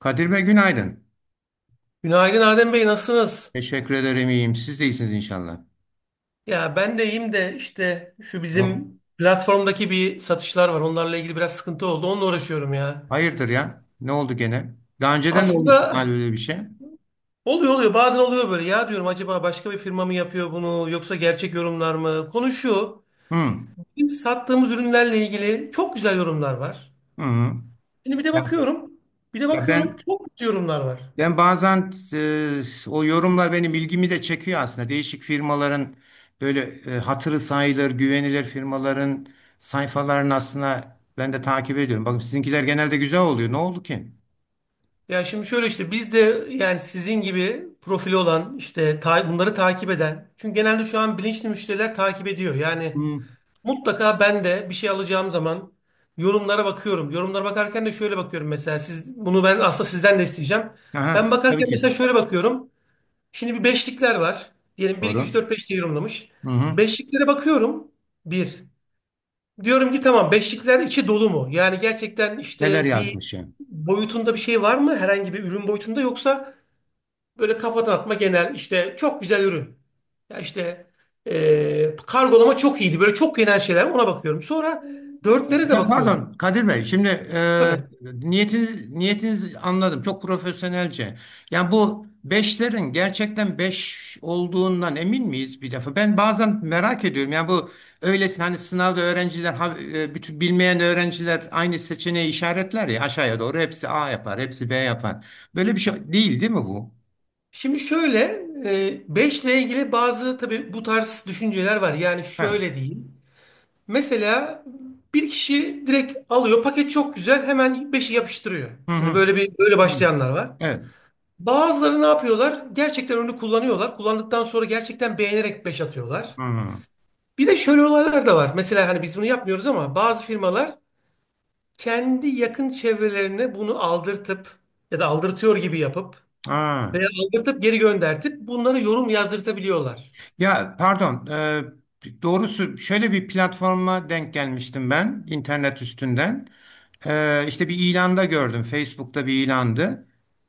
Kadir Bey günaydın. Günaydın Adem Bey, nasılsınız? Teşekkür ederim iyiyim. Siz de iyisiniz inşallah. Ya ben de iyiyim de işte şu Yok. bizim platformdaki bir satışlar var. Onlarla ilgili biraz sıkıntı oldu. Onunla uğraşıyorum ya. Hayırdır ya? Ne oldu gene? Daha önceden de olmuştu Aslında galiba böyle bir şey. oluyor. Bazen oluyor böyle. Ya diyorum acaba başka bir firma mı yapıyor bunu yoksa gerçek yorumlar mı? Konu şu. Hı. Hı. Bizim sattığımız ürünlerle ilgili çok güzel yorumlar var. Hı. Şimdi bir de Ya, bakıyorum. Bir de ya, bakıyorum ben çok kötü yorumlar var. ben bazen o yorumlar benim ilgimi de çekiyor aslında. Değişik firmaların böyle hatırı sayılır, güvenilir firmaların sayfalarını aslında ben de takip ediyorum. Bakın sizinkiler genelde güzel oluyor. Ne oldu ki? Ya şimdi şöyle işte biz de yani sizin gibi profili olan işte bunları takip eden. Çünkü genelde şu an bilinçli müşteriler takip ediyor. Yani Hı. mutlaka ben de bir şey alacağım zaman yorumlara bakıyorum. Yorumlara bakarken de şöyle bakıyorum, mesela siz bunu ben aslında sizden de isteyeceğim. Ben Aha, tabii bakarken mesela ki. şöyle bakıyorum. Şimdi bir beşlikler var. Diyelim bir 2 3 Doğru. 4 5 diye yorumlamış. Hı hı. Beşliklere bakıyorum. Bir. Diyorum ki tamam, beşlikler içi dolu mu? Yani gerçekten Neler işte bir yazmış ya? boyutunda bir şey var mı? Herhangi bir ürün boyutunda, yoksa böyle kafadan atma genel işte çok güzel ürün. Ya işte kargolama çok iyiydi. Böyle çok genel şeyler, ona bakıyorum. Sonra dörtlere de Ya bakıyorum. pardon Kadir Bey, şimdi Tabii. niyetinizi anladım. Çok profesyonelce. Yani bu beşlerin gerçekten beş olduğundan emin miyiz bir defa? Ben bazen merak ediyorum. Yani bu öylesine hani sınavda öğrenciler, bütün bilmeyen öğrenciler aynı seçeneği işaretler ya aşağıya doğru. Hepsi A yapar, hepsi B yapar. Böyle bir şey değil değil mi bu? Şimdi şöyle beşle ilgili bazı tabii bu tarz düşünceler var. Yani He. şöyle diyeyim. Mesela bir kişi direkt alıyor, paket çok güzel, hemen beşi yapıştırıyor. Hı Şimdi hı. böyle bir böyle Hı. başlayanlar var. Evet. Bazıları ne yapıyorlar? Gerçekten ürünü kullanıyorlar. Kullandıktan sonra gerçekten beğenerek 5 atıyorlar. Hı. Bir de şöyle olaylar da var. Mesela hani biz bunu yapmıyoruz ama bazı firmalar kendi yakın çevrelerine bunu aldırtıp ya da aldırtıyor gibi yapıp Ha. veya aldırtıp geri göndertip bunlara yorum yazdırtabiliyorlar. Ya pardon, doğrusu şöyle bir platforma denk gelmiştim ben internet üstünden. İşte bir ilanda gördüm. Facebook'ta bir ilandı.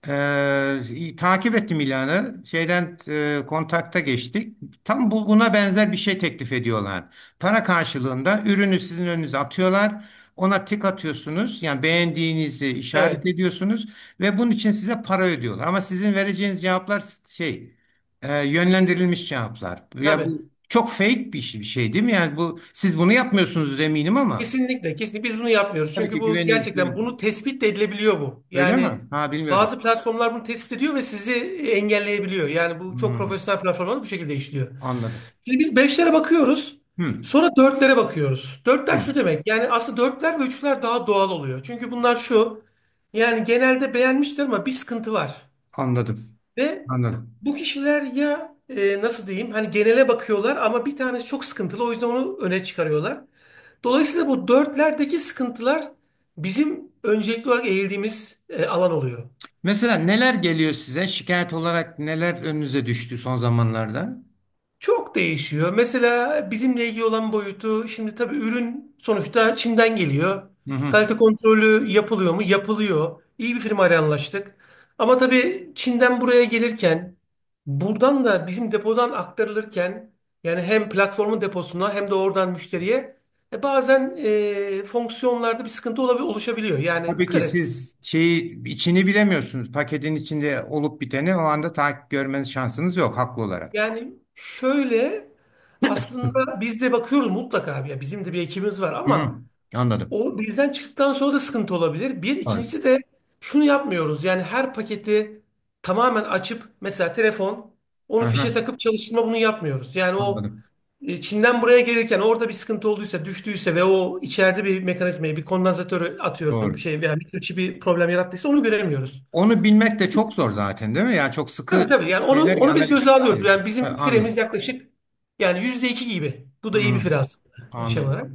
Takip ettim ilanı. Şeyden kontakta geçtik. Tam buna benzer bir şey teklif ediyorlar. Para karşılığında ürünü sizin önünüze atıyorlar. Ona tik atıyorsunuz. Yani beğendiğinizi işaret Evet. ediyorsunuz ve bunun için size para ödüyorlar. Ama sizin vereceğiniz cevaplar şey yönlendirilmiş cevaplar. Ya Tabii. bu çok fake bir şey değil mi? Yani bu siz bunu yapmıyorsunuz eminim ama Kesinlikle. Kesinlikle biz bunu yapmıyoruz. tabii Çünkü ki bu güvenilir değil gerçekten mi? bunu tespit de edilebiliyor bu. Öyle Yani mi? Ha bilmiyordum. bazı platformlar bunu tespit ediyor ve sizi engelleyebiliyor. Yani bu çok Hmm, profesyonel platformlar bu şekilde işliyor. anladım. Şimdi biz beşlere bakıyoruz. Hmm, Sonra dörtlere bakıyoruz. Dörtler şu hmm, demek. Yani aslında dörtler ve üçler daha doğal oluyor. Çünkü bunlar şu. Yani genelde beğenmiştir ama bir sıkıntı var. anladım. Ve Anladım. bu kişiler ya nasıl diyeyim, hani genele bakıyorlar ama bir tanesi çok sıkıntılı, o yüzden onu öne çıkarıyorlar. Dolayısıyla bu dörtlerdeki sıkıntılar bizim öncelikli olarak eğildiğimiz alan oluyor. Mesela neler geliyor size? Şikayet olarak neler önünüze düştü son zamanlarda? Çok değişiyor. Mesela bizimle ilgili olan boyutu, şimdi tabii ürün sonuçta Çin'den geliyor. Hı hı. Kalite kontrolü yapılıyor mu? Yapılıyor. İyi bir firmayla anlaştık. Ama tabii Çin'den buraya gelirken, buradan da bizim depodan aktarılırken, yani hem platformun deposuna hem de oradan müşteriye bazen fonksiyonlarda bir sıkıntı oluşabiliyor. Yani Tabii ki kırık. siz içini bilemiyorsunuz. Paketin içinde olup biteni o anda takip görmeniz şansınız yok haklı olarak. Yani şöyle, aslında biz de bakıyoruz mutlaka, ya bizim de bir ekibimiz var Hı hı. ama Anladım. o birden çıktıktan sonra da sıkıntı olabilir. Bir, Doğru. ikincisi de şunu yapmıyoruz. Yani her paketi tamamen açıp, mesela telefon, Hı onu fişe hı. takıp çalıştırma, bunu yapmıyoruz. Yani o Anladım. Çin'den buraya gelirken orada bir sıkıntı olduysa, düştüyse ve o içeride bir mekanizmayı, bir kondansatörü, atıyorum bir Doğru. şey veya mikroçip bir problem yarattıysa onu göremiyoruz. Onu bilmek de çok zor zaten değil mi? Yani çok Tabii sıkı tabii yani onu şeyler onu biz analiz göze alıyoruz. gerekiyor. Yani Ha, bizim firemiz anladım. yaklaşık, yani %2 gibi. Bu Hı da iyi bir hı. fire aslında, yani şey Anladım. olarak.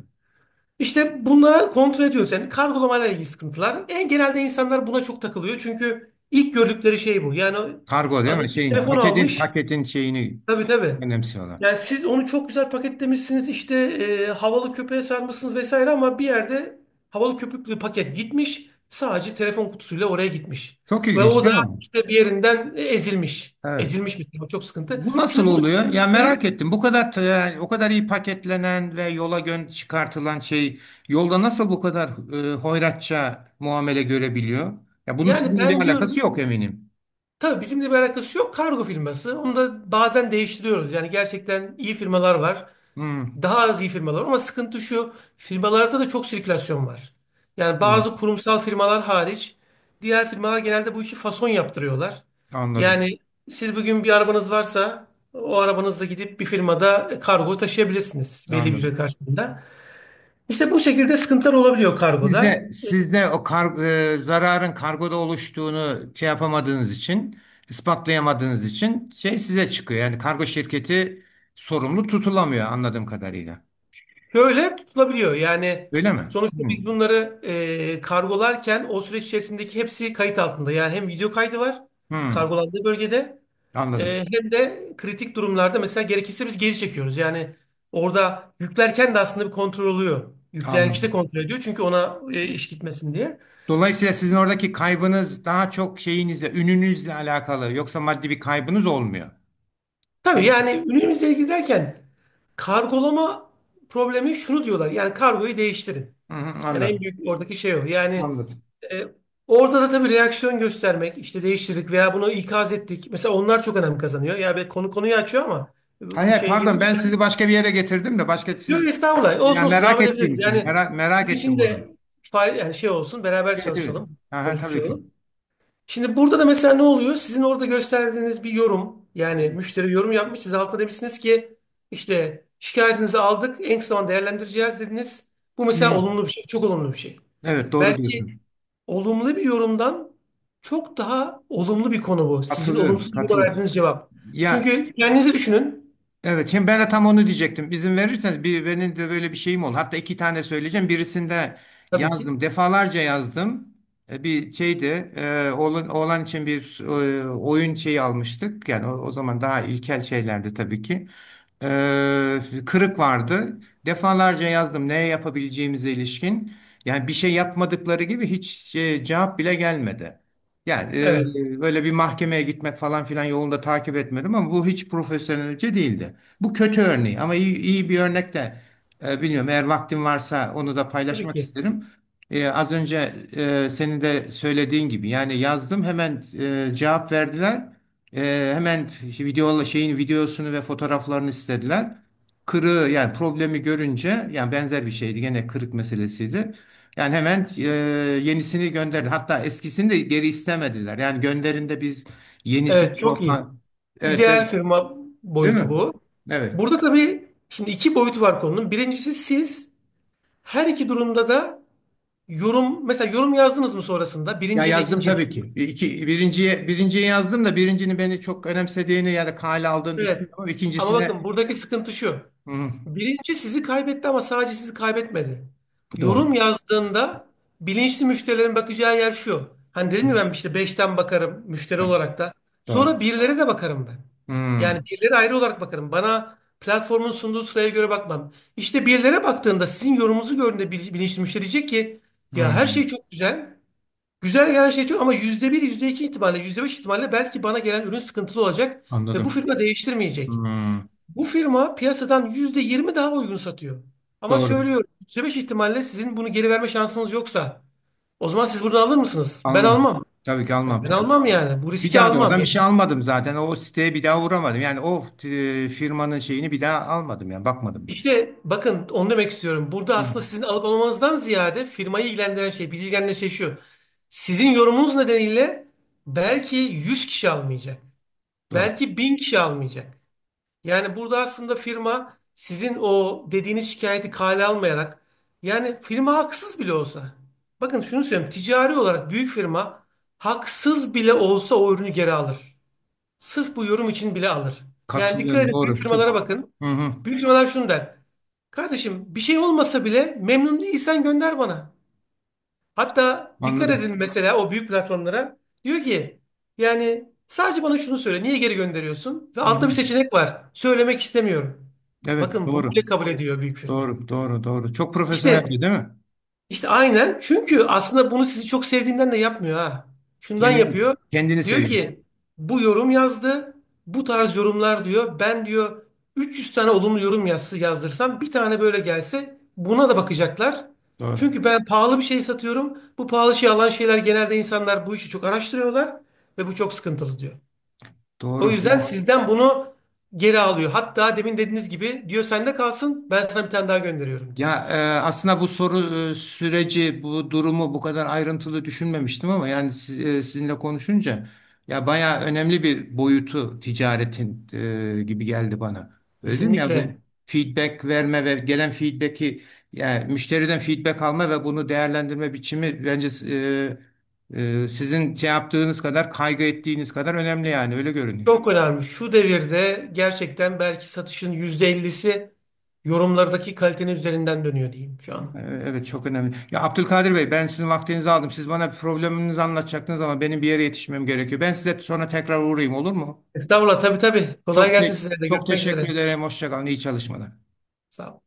İşte bunlara kontrol ediyoruz. Yani kargolamayla ilgili sıkıntılar. En genelde insanlar buna çok takılıyor. Çünkü ilk gördükleri şey bu. Yani Kargo değil adam mi? bir Şeyin, telefon paketin almış. paketin şeyini Tabii. önemsiyorlar. Yani siz onu çok güzel paketlemişsiniz. İşte havalı köpeğe sarmışsınız vesaire, ama bir yerde havalı köpüklü paket gitmiş. Sadece telefon kutusuyla oraya gitmiş. Çok Ve ilginç o da değil mi bu? işte bir yerinden ezilmiş. Evet. Ezilmiş bir şey. O çok sıkıntı. Bu nasıl Şimdi bunu, oluyor? Ya merak ettim. Bu kadar o kadar iyi paketlenen ve yola çıkartılan şey yolda nasıl bu kadar hoyratça muamele görebiliyor? Ya bunun yani sizinle bir ben alakası diyorum, yok eminim. tabii bizimle bir alakası yok. Kargo firması. Onu da bazen değiştiriyoruz. Yani gerçekten iyi firmalar var. Hmm, Daha az iyi firmalar var. Ama sıkıntı şu. Firmalarda da çok sirkülasyon var. Yani anladım. bazı kurumsal firmalar hariç diğer firmalar genelde bu işi fason yaptırıyorlar. Anladım. Yani siz bugün bir arabanız varsa o arabanızla gidip bir firmada kargo taşıyabilirsiniz, belli bir ücret Anladım. karşılığında. İşte bu şekilde sıkıntılar olabiliyor kargoda. Sizde o zararın kargoda oluştuğunu şey yapamadığınız için, ispatlayamadığınız için şey size çıkıyor. Yani kargo şirketi sorumlu tutulamıyor anladığım kadarıyla. Şöyle tutulabiliyor. Yani Öyle mi? sonuçta Hmm. biz bunları kargolarken, o süreç içerisindeki hepsi kayıt altında. Yani hem video kaydı var Hmm. kargolandığı bölgede, Anladım. Hem de kritik durumlarda mesela gerekirse biz geri çekiyoruz. Yani orada yüklerken de aslında bir kontrol oluyor. Yükleyen kişi de Anladım. kontrol ediyor, çünkü ona iş gitmesin diye. Dolayısıyla sizin oradaki kaybınız daha çok şeyinizle, ününüzle alakalı. Yoksa maddi bir kaybınız olmuyor. Tabii, Yani. yani ürünümüzle ilgili derken kargolama problemi, şunu diyorlar. Yani kargoyu değiştirin. Hı hı, Yani en anladım. büyük oradaki şey o. Yani Anladım. E, orada da tabii reaksiyon göstermek, işte değiştirdik veya bunu ikaz ettik. Mesela onlar çok önem kazanıyor. Ya be, konu konuyu açıyor ama Hayır, bu hayır, şeye pardon girmiş. ben sizi başka bir yere getirdim de başka siz Yok estağfurullah. ya Olsun, merak devam ettiğim edebiliriz. için Yani merak sizin ettim için bunu. de yani şey olsun, beraber Evet evet. çalışalım, Aha, konuşmuş tabii ki. olalım. Şimdi burada da mesela ne oluyor? Sizin orada gösterdiğiniz bir yorum, Hı yani müşteri yorum yapmış. Siz altına demişsiniz ki işte şikayetinizi aldık, en kısa zamanda değerlendireceğiz dediniz. Bu mesela hı. olumlu bir şey, çok olumlu bir şey. Evet doğru Belki diyorsun. olumlu bir yorumdan çok daha olumlu bir konu bu. Sizin Katılıyorum. olumsuz yoruma Katılıyorum. verdiğiniz cevap. Ya Çünkü kendinizi düşünün. evet şimdi ben de tam onu diyecektim. İzin verirseniz bir benim de böyle bir şeyim oldu. Hatta iki tane söyleyeceğim. Birisinde Tabii ki. yazdım. Defalarca yazdım. Bir şeydi. Oğlan için bir oyun şeyi almıştık. Yani o zaman daha ilkel şeylerdi tabii ki. Ee, Kırık vardı. Defalarca yazdım ne yapabileceğimize ilişkin. Yani bir şey yapmadıkları gibi hiç cevap bile gelmedi. Yani Evet. Böyle bir mahkemeye gitmek falan filan yolunda takip etmedim ama bu hiç profesyonelce değildi. Bu kötü örneği ama iyi bir örnek de bilmiyorum. Eğer vaktim varsa onu da Tabii paylaşmak ki. isterim. Az önce senin de söylediğin gibi yani yazdım hemen cevap verdiler. Hemen şeyin videosunu ve fotoğraflarını istediler. Kırığı yani problemi görünce yani benzer bir şeydi gene kırık meselesiydi. Yani hemen yenisini gönderdi. Hatta eskisini de geri istemediler. Yani gönderinde biz yenisini Evet, çok iyi. korkan evet İdeal ben- firma değil boyutu mi? bu. Evet. Burada tabii şimdi iki boyutu var konunun. Birincisi siz her iki durumda da yorum, mesela yorum yazdınız mı sonrasında? Ya Birinciye de yazdım ikinciye de. tabii ki. Birinciye yazdım da birincinin beni çok önemsediğini ya da kale aldığını Evet. düşünüyorum ama Ama bakın ikincisine buradaki sıkıntı şu. Hı, Birinci sizi kaybetti ama sadece sizi kaybetmedi. doğru. Yorum yazdığında bilinçli müşterilerin bakacağı yer şu. Hani Hı, dedim ya, ben işte beşten bakarım müşteri evet, olarak da. doğru. Sonra birilere de bakarım ben. Hı, Yani birilere ayrı olarak bakarım. Bana platformun sunduğu sıraya göre bakmam. İşte birilere baktığında sizin yorumunuzu gördüğünde bilinçli müşteri diyecek ki hı, ya her şey çok güzel. Güzel gelen her şey çok, ama %1 %2 ihtimalle, %5 ihtimalle belki bana gelen ürün sıkıntılı olacak ve bu anladım. firma değiştirmeyecek. Hmm, Bu firma piyasadan %20 daha uygun satıyor. Ama doğru. söylüyorum, %5 ihtimalle sizin bunu geri verme şansınız yoksa, o zaman siz buradan alır mısınız? Ben Almam. almam. Tabii ki Ya almam ben tabii. almam yani. Bu Bir riski daha da almam. oradan bir şey Yani almadım zaten. O siteye bir daha uğramadım. Yani o firmanın şeyini bir daha almadım yani bakmadım bile. işte bakın, onu demek istiyorum. Burada Hı, aslında sizin alıp almanızdan ziyade firmayı ilgilendiren şey, bizi ilgilendiren şey şu. Sizin yorumunuz nedeniyle belki 100 kişi almayacak. doğru. Belki 1000 kişi almayacak. Yani burada aslında firma sizin o dediğiniz şikayeti kale almayarak, yani firma haksız bile olsa. Bakın şunu söyleyeyim. Ticari olarak büyük firma haksız bile olsa o ürünü geri alır. Sırf bu yorum için bile alır. Yani Katılıyorum dikkat edin, büyük doğru. Çok. firmalara bakın. Hı hı, Büyük firmalar şunu der. Kardeşim, bir şey olmasa bile memnun değilsen gönder bana. Hatta dikkat anladım. edin mesela o büyük platformlara. Diyor ki yani sadece bana şunu söyle. Niye geri gönderiyorsun? Ve Hı altta hı. bir seçenek var. Söylemek istemiyorum. Evet Bakın bunu bile doğru. kabul ediyor büyük firma. Doğru doğru doğru. Çok profesyonelce İşte değil mi? işte aynen. Çünkü aslında bunu sizi çok sevdiğinden de yapmıyor ha. Şundan Kendini, yapıyor. kendini Diyor seveyim. ki bu yorum yazdı. Bu tarz yorumlar diyor. Ben diyor 300 tane olumlu yorum yazsa, yazdırsam bir tane böyle gelse buna da bakacaklar. Doğru. Çünkü ben pahalı bir şey satıyorum. Bu pahalı şey alan şeyler, genelde insanlar bu işi çok araştırıyorlar ve bu çok sıkıntılı diyor. O Doğru. yüzden Yani sizden bunu geri alıyor. Hatta demin dediğiniz gibi diyor, sende kalsın, ben sana bir tane daha gönderiyorum diyor. Ya e, aslında bu süreci, bu durumu bu kadar ayrıntılı düşünmemiştim ama yani sizinle konuşunca ya bayağı önemli bir boyutu ticaretin gibi geldi bana. Öyle değil mi? Ya bu Kesinlikle feedback verme ve gelen feedback'i yani müşteriden feedback alma ve bunu değerlendirme biçimi bence sizin şey yaptığınız kadar kaygı ettiğiniz kadar önemli yani öyle görünüyor. çok önemli. Şu devirde gerçekten belki satışın %50'si yorumlardaki kalitenin üzerinden dönüyor diyeyim şu an. Evet çok önemli. Ya Abdülkadir Bey ben sizin vaktinizi aldım. Siz bana probleminizi anlatacaktınız ama benim bir yere yetişmem gerekiyor. Ben size sonra tekrar uğrayayım olur mu? Estağfurullah, tabii. Kolay Çok gelsin te- size de. Çok Görüşmek teşekkür üzere. ederim. Hoşça kalın. İyi çalışmalar. Sağ ol.